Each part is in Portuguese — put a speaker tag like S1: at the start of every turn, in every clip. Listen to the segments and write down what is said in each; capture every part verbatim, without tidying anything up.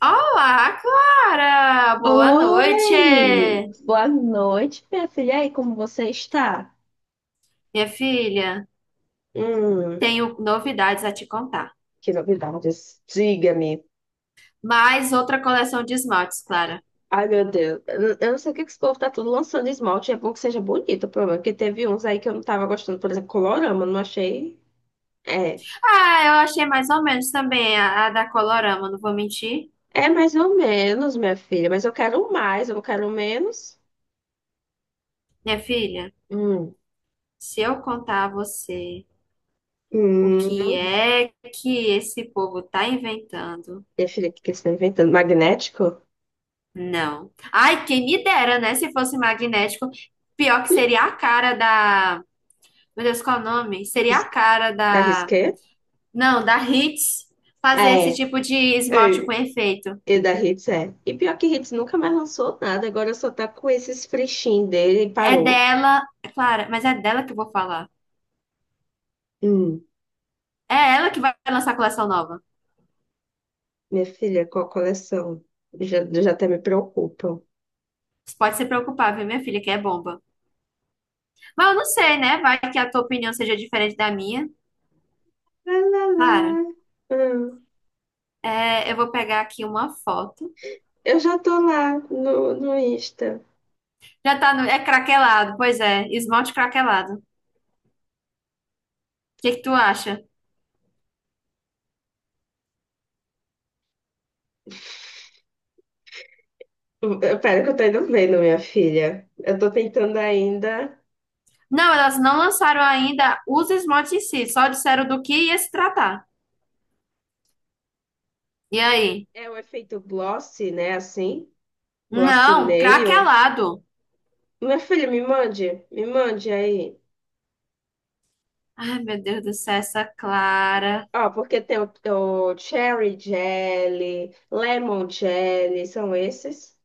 S1: Olá, Clara! Boa noite,
S2: Oi! Boa noite, minha filha. E aí, como você está?
S1: minha filha.
S2: Hum,
S1: Tenho novidades a te contar.
S2: que novidades. Diga-me.
S1: Mais outra coleção de esmaltes, Clara.
S2: Ai, meu Deus. Eu não eu não sei o que que esse povo tá tudo lançando esmalte. É bom que seja bonito, o problema. Porque teve uns aí que eu não tava gostando. Por exemplo, Colorama, não achei. É.
S1: Ah, eu achei mais ou menos também a, a da Colorama, não vou mentir.
S2: É mais ou menos, minha filha. Mas eu quero mais, eu não quero menos.
S1: Minha filha,
S2: Hum,
S1: se eu contar a você o que
S2: Hum.
S1: é que esse povo tá inventando,
S2: Minha filha, o que que eles estão inventando? Magnético?
S1: não. Ai, quem me dera, né? Se fosse magnético, pior que seria a cara da. Meu Deus, qual é o nome? Seria
S2: Ris-
S1: a cara
S2: Da
S1: da.
S2: Risqué?
S1: Não, da Hits fazer esse
S2: É.
S1: tipo de esmalte com
S2: É.
S1: efeito.
S2: E da Hits é. E pior que Hits nunca mais lançou nada, agora só tá com esses frechinhos dele e
S1: É
S2: parou.
S1: dela, é claro, mas é dela que eu vou falar.
S2: Hum,
S1: É ela que vai lançar a coleção nova.
S2: Minha filha, qual a coleção? Já, já até me preocupam.
S1: Você pode se preocupar, viu, minha filha, que é bomba. Mas eu não sei, né? Vai que a tua opinião seja diferente da minha.
S2: Lá, lá,
S1: Claro.
S2: lá. Hum,
S1: É, eu vou pegar aqui uma foto.
S2: eu já tô lá no, no Insta.
S1: Já tá no. É craquelado, pois é, esmalte craquelado. O que que tu acha?
S2: Hum, Pera que eu tô indo vendo, minha filha. Eu tô tentando ainda.
S1: Não, elas não lançaram ainda os esmaltes em si, só disseram do que ia se tratar. E
S2: É,
S1: aí?
S2: é o efeito gloss, né? Assim, gloss
S1: Não,
S2: nail.
S1: craquelado.
S2: Minha filha, me mande, me mande aí.
S1: Ai, meu Deus do céu, essa Clara.
S2: Ó, porque tem o, o cherry jelly, lemon jelly, são esses.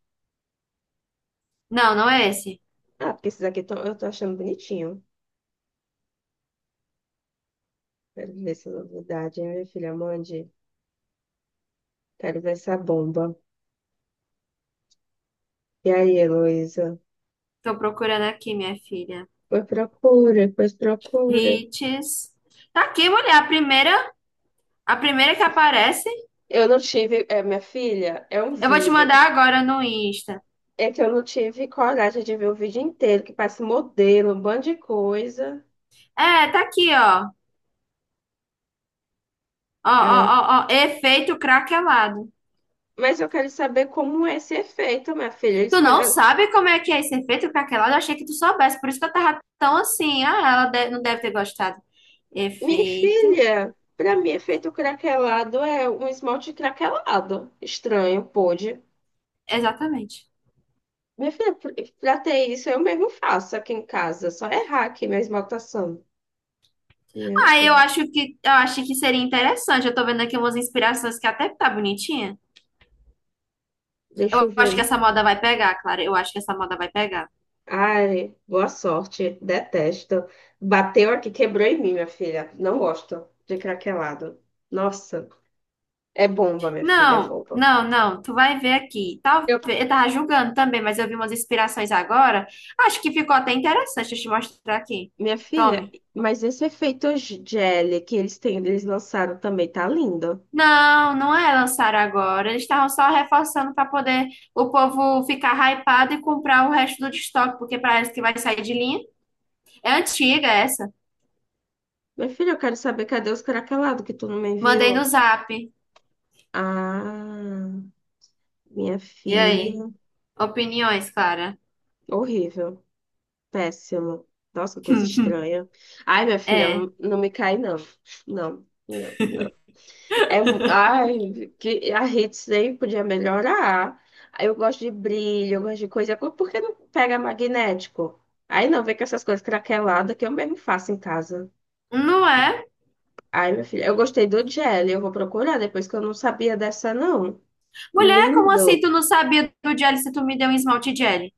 S1: Não, não é esse.
S2: Ah, porque esses aqui tão- eu tô achando bonitinho. Quero ver essa novidade, hein, minha filha? Mande. Quero ver essa bomba. E aí, Heloísa?
S1: Tô procurando aqui, minha filha.
S2: Pois procura, pois procura.
S1: Hits. Tá aqui, mulher, a primeira, a primeira que aparece.
S2: Eu não tive, é, minha filha, é um
S1: Eu vou te
S2: vídeo.
S1: mandar agora no Insta.
S2: É que eu não tive coragem de ver o vídeo inteiro, que passa modelo, um bando de coisa.
S1: É, tá aqui, ó. Ó, ó,
S2: Ai.
S1: ó, ó, efeito craquelado.
S2: Mas eu quero saber como é esse efeito, minha filha. Eles.
S1: Tu não sabe como é que é esse efeito craquelado? Eu achei que tu soubesse, por isso que eu tava tão assim. Ah, ela de- não deve ter gostado.
S2: Minha
S1: Efeito.
S2: filha, pra mim, efeito craquelado é um esmalte craquelado. Estranho, pode.
S1: Exatamente.
S2: Minha filha, pra pra ter isso, eu mesmo faço aqui em casa. Só errar aqui minha esmaltação. Meu
S1: Ah, eu
S2: Deus.
S1: acho que eu acho que seria interessante. Eu tô vendo aqui umas inspirações que até tá bonitinha.
S2: Deixa
S1: Eu
S2: eu
S1: acho que
S2: ver.
S1: essa moda vai pegar, Clara. Eu acho que essa moda vai pegar.
S2: Ai, boa sorte. Detesto. Bateu aqui, quebrou em mim, minha filha. Não gosto de craquelado. Nossa, é bomba, minha filha, é
S1: Não,
S2: bomba.
S1: não, não. Tu vai ver aqui. Talvez.
S2: Eu-
S1: Eu tava julgando também, mas eu vi umas inspirações agora. Acho que ficou até interessante. Deixa eu te mostrar aqui.
S2: Minha filha,
S1: Tome.
S2: mas esse efeito gel que eles têm, eles lançaram também, tá lindo.
S1: Não, não é lançar agora. Eles estavam só reforçando para poder o povo ficar hypado e comprar o resto do estoque, porque parece que vai sair de linha. É antiga essa.
S2: Minha filha, eu quero saber cadê os caracalados que tu não me
S1: Mandei no
S2: enviou?
S1: zap.
S2: Ah, minha
S1: E aí?
S2: filha.
S1: Opiniões, Clara.
S2: Horrível. Péssimo. Nossa, coisa estranha. Ai, minha filha,
S1: É.
S2: não não me cai, não. Não, não, não. É, mu- ai, que a rede sempre podia melhorar. Aí, eu gosto de brilho, eu gosto de coisa. Por que não pega magnético? Aí não, vem com essas coisas craqueladas que eu mesmo faço em casa.
S1: Um não é?
S2: Ai, minha filha, eu gostei do gel, eu vou procurar depois que eu não sabia dessa, não.
S1: Mulher, como assim
S2: Lindo.
S1: tu não sabia do jelly se tu me deu um esmalte jelly?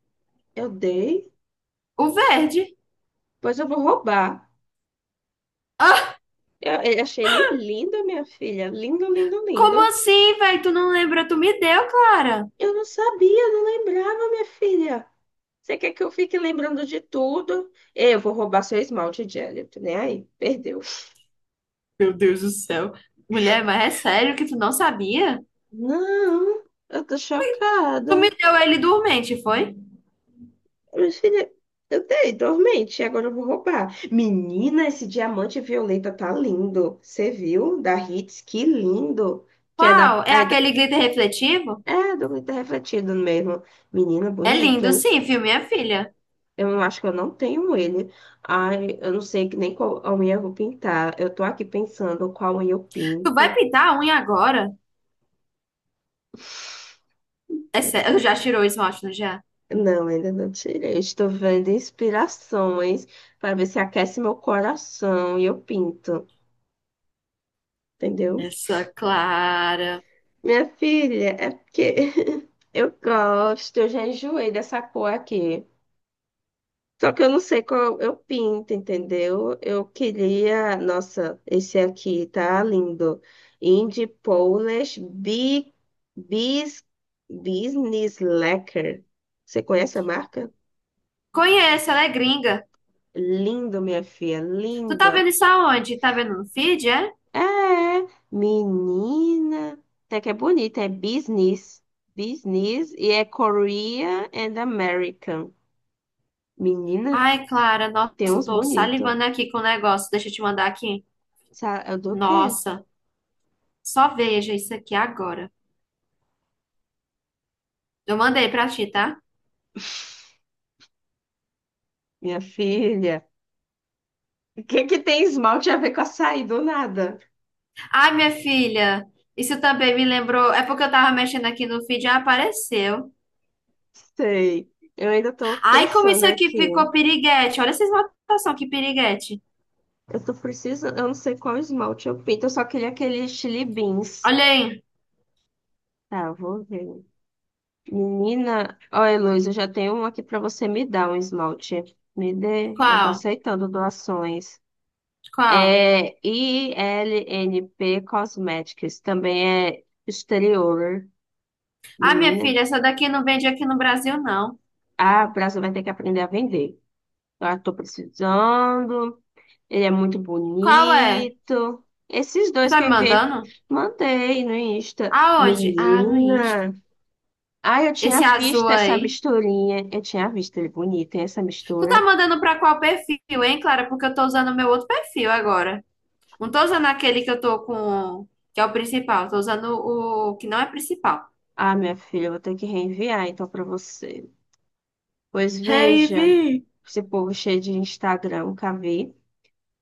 S2: Eu dei,
S1: O verde.
S2: pois eu vou roubar.
S1: Ah,
S2: Eu, eu achei ele lindo, minha filha. Lindo, lindo,
S1: como
S2: lindo.
S1: assim, velho? Tu não lembra? Tu me deu, Clara.
S2: Eu não sabia, não lembrava, minha filha. Você quer que eu fique lembrando de tudo? Eu vou roubar seu esmalte, Jelly. Tô nem aí. Perdeu.
S1: Meu Deus do céu. Mulher, mas é sério que tu não sabia?
S2: Não, eu tô
S1: Tu
S2: chocada.
S1: me deu ele dormente, foi?
S2: Minha filha, eu dei dormente, agora eu vou roubar. Menina, esse diamante violeta tá lindo. Você viu? Da Hits, que lindo. Que é da.
S1: Qual? É aquele glitter refletivo?
S2: É, dormir tá refletido mesmo. Menina,
S1: É
S2: bonito,
S1: lindo,
S2: hein?
S1: sim, viu, minha filha?
S2: Eu acho que eu não tenho ele. Ai, eu não sei que nem qual a unha eu vou pintar. Eu tô aqui pensando qual unha eu
S1: Tu vai
S2: pinto.
S1: pintar a unha agora? É sério, já tirou o esmalte, não já?
S2: Não, ainda não tirei. Estou vendo inspirações para ver se aquece meu coração e eu pinto, entendeu?
S1: Essa Clara.
S2: Minha filha, é porque eu gosto, eu já enjoei dessa cor aqui. Só que eu não sei qual eu pinto, entendeu? Eu queria. Nossa, esse aqui tá lindo. Indie Polish Bi- Bis, Business Lacquer. Você conhece a marca?
S1: Conheço, ela é gringa.
S2: Lindo, minha filha,
S1: Tu tá
S2: lindo.
S1: vendo isso aonde? Tá vendo no feed, é?
S2: É, menina. Até que é bonita, é business. Business e é Korea and American. Menina,
S1: Ai, Clara, nossa,
S2: tem
S1: eu
S2: uns
S1: tô
S2: bonitos.
S1: salivando aqui com o negócio. Deixa eu te mandar aqui.
S2: Sa- É do quê?
S1: Nossa, só veja isso aqui agora. Eu mandei pra ti, tá?
S2: Minha filha. O que que tem esmalte a ver com açaí do nada?
S1: Ai, minha filha, isso também me lembrou. É porque eu tava mexendo aqui no feed e apareceu.
S2: Sei. Eu ainda tô
S1: Ai, como
S2: pensando
S1: isso aqui
S2: aqui.
S1: ficou piriguete. Olha essa esmaltação, que piriguete.
S2: Eu tô precisando, eu não sei qual esmalte eu pinto, eu só queria aquele Chili Beans.
S1: Olha aí.
S2: Tá, vou ver. Menina, olha, Luiz, eu já tenho um aqui pra você me dar um esmalte. Me dê, eu tô
S1: Qual?
S2: aceitando doações.
S1: Qual?
S2: É I L N P Cosmetics, também é exterior.
S1: Ai, minha
S2: Menina,
S1: filha, essa daqui não vende aqui no Brasil, não.
S2: ah, o Brasil vai ter que aprender a vender. Eu tô precisando. Ele é muito
S1: Qual é?
S2: bonito. Esses
S1: Tu
S2: dois
S1: tá
S2: que eu
S1: me
S2: enviei,
S1: mandando?
S2: mandei no Insta.
S1: Aonde? Ah, no Insta.
S2: Menina. Ah, eu tinha
S1: Esse azul
S2: visto essa
S1: aí.
S2: misturinha. Eu tinha visto ele bonito, hein, essa
S1: Tu tá
S2: mistura.
S1: mandando pra qual perfil, hein, Clara? Porque eu tô usando o meu outro perfil agora. Não tô usando aquele que eu tô com, que é o principal. Tô usando o que não é principal.
S2: Ah, minha filha, eu vou ter que reenviar então pra você. Pois
S1: Hey,
S2: veja,
S1: Vi!
S2: esse povo cheio de Instagram, nunca vi.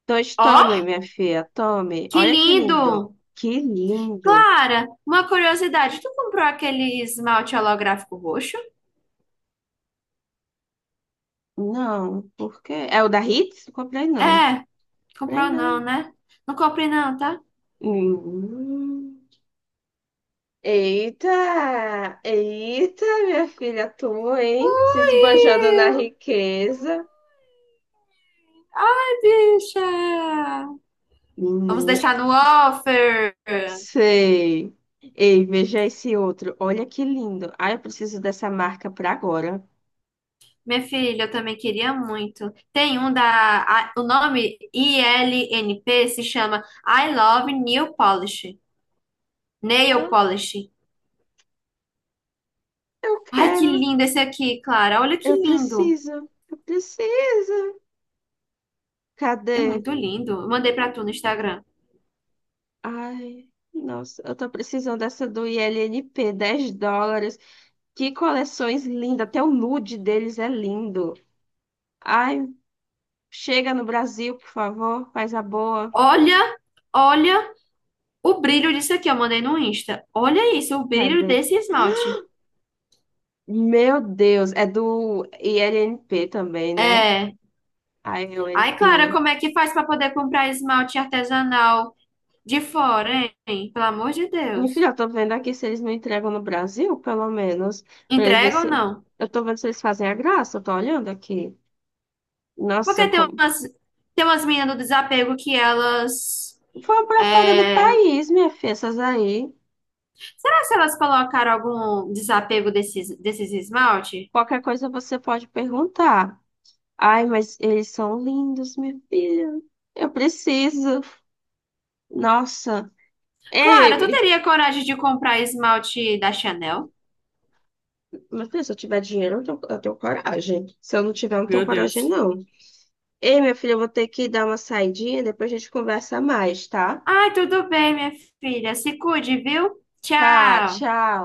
S2: Pois tome,
S1: Ó,
S2: minha filha, tome.
S1: que
S2: Olha que lindo.
S1: lindo!
S2: Que lindo.
S1: Clara, uma curiosidade. Tu comprou aquele esmalte holográfico roxo?
S2: Não, por quê? É o da Hits? Não comprei, não.
S1: É,
S2: Comprei
S1: comprou
S2: nada.
S1: não, né? Não comprei não, tá?
S2: Hum. Eita, eita, minha filha, tu, hein? Se
S1: Ui,
S2: esbanjando na riqueza.
S1: bicha! Vamos
S2: Menina,
S1: deixar no offer.
S2: sei. Ei, veja esse outro. Olha que lindo. Ah, eu preciso dessa marca pra agora.
S1: Minha filha, eu também queria muito. Tem um da. A- o nome I L N P se chama I Love Nail Polish. Nail
S2: Ah,
S1: Polish.
S2: eu
S1: Ai, que
S2: quero.
S1: lindo esse aqui, Clara. Olha que
S2: Eu
S1: lindo.
S2: preciso. Eu preciso.
S1: É
S2: Cadê?
S1: muito lindo. Eu mandei pra tu no Instagram.
S2: Ai, nossa, eu tô precisando dessa do I L N P, dez dólares. Que coleções lindas. Até o nude deles é lindo. Ai, chega no Brasil, por favor, faz a boa.
S1: Olha, olha o brilho disso aqui. Eu mandei no Insta. Olha isso, o brilho
S2: Cadê?
S1: desse esmalte.
S2: Meu Deus, é do I L N P também, né?
S1: É. Ai, Clara,
S2: I L N P.
S1: como é que faz pra poder comprar esmalte artesanal de fora, hein? Pelo amor de
S2: Enfim,
S1: Deus.
S2: eu tô vendo aqui se eles não entregam no Brasil, pelo menos, pra eles ver
S1: Entrega ou
S2: se.
S1: não?
S2: Eu tô vendo se eles fazem a graça, eu tô olhando aqui. Nossa,
S1: Porque tem
S2: como.
S1: umas, tem umas meninas do desapego que elas.
S2: Vão pra fora do
S1: É,
S2: país, minha filha, essas aí.
S1: será se elas colocaram algum desapego desses, desses esmalte?
S2: Qualquer coisa você pode perguntar. Ai, mas eles são lindos, minha filha. Eu preciso. Nossa.
S1: Clara, tu
S2: Ei,
S1: teria coragem de comprar esmalte da Chanel?
S2: mas filha, se eu tiver dinheiro, eu tenho, eu tenho coragem. Se eu não tiver, eu não tenho
S1: Meu
S2: coragem,
S1: Deus.
S2: não. Ei, minha filha, eu vou ter que dar uma saidinha, depois a gente conversa mais, tá?
S1: Ai, tudo bem, minha filha. Se cuide, viu?
S2: Tá,
S1: Tchau.
S2: tchau.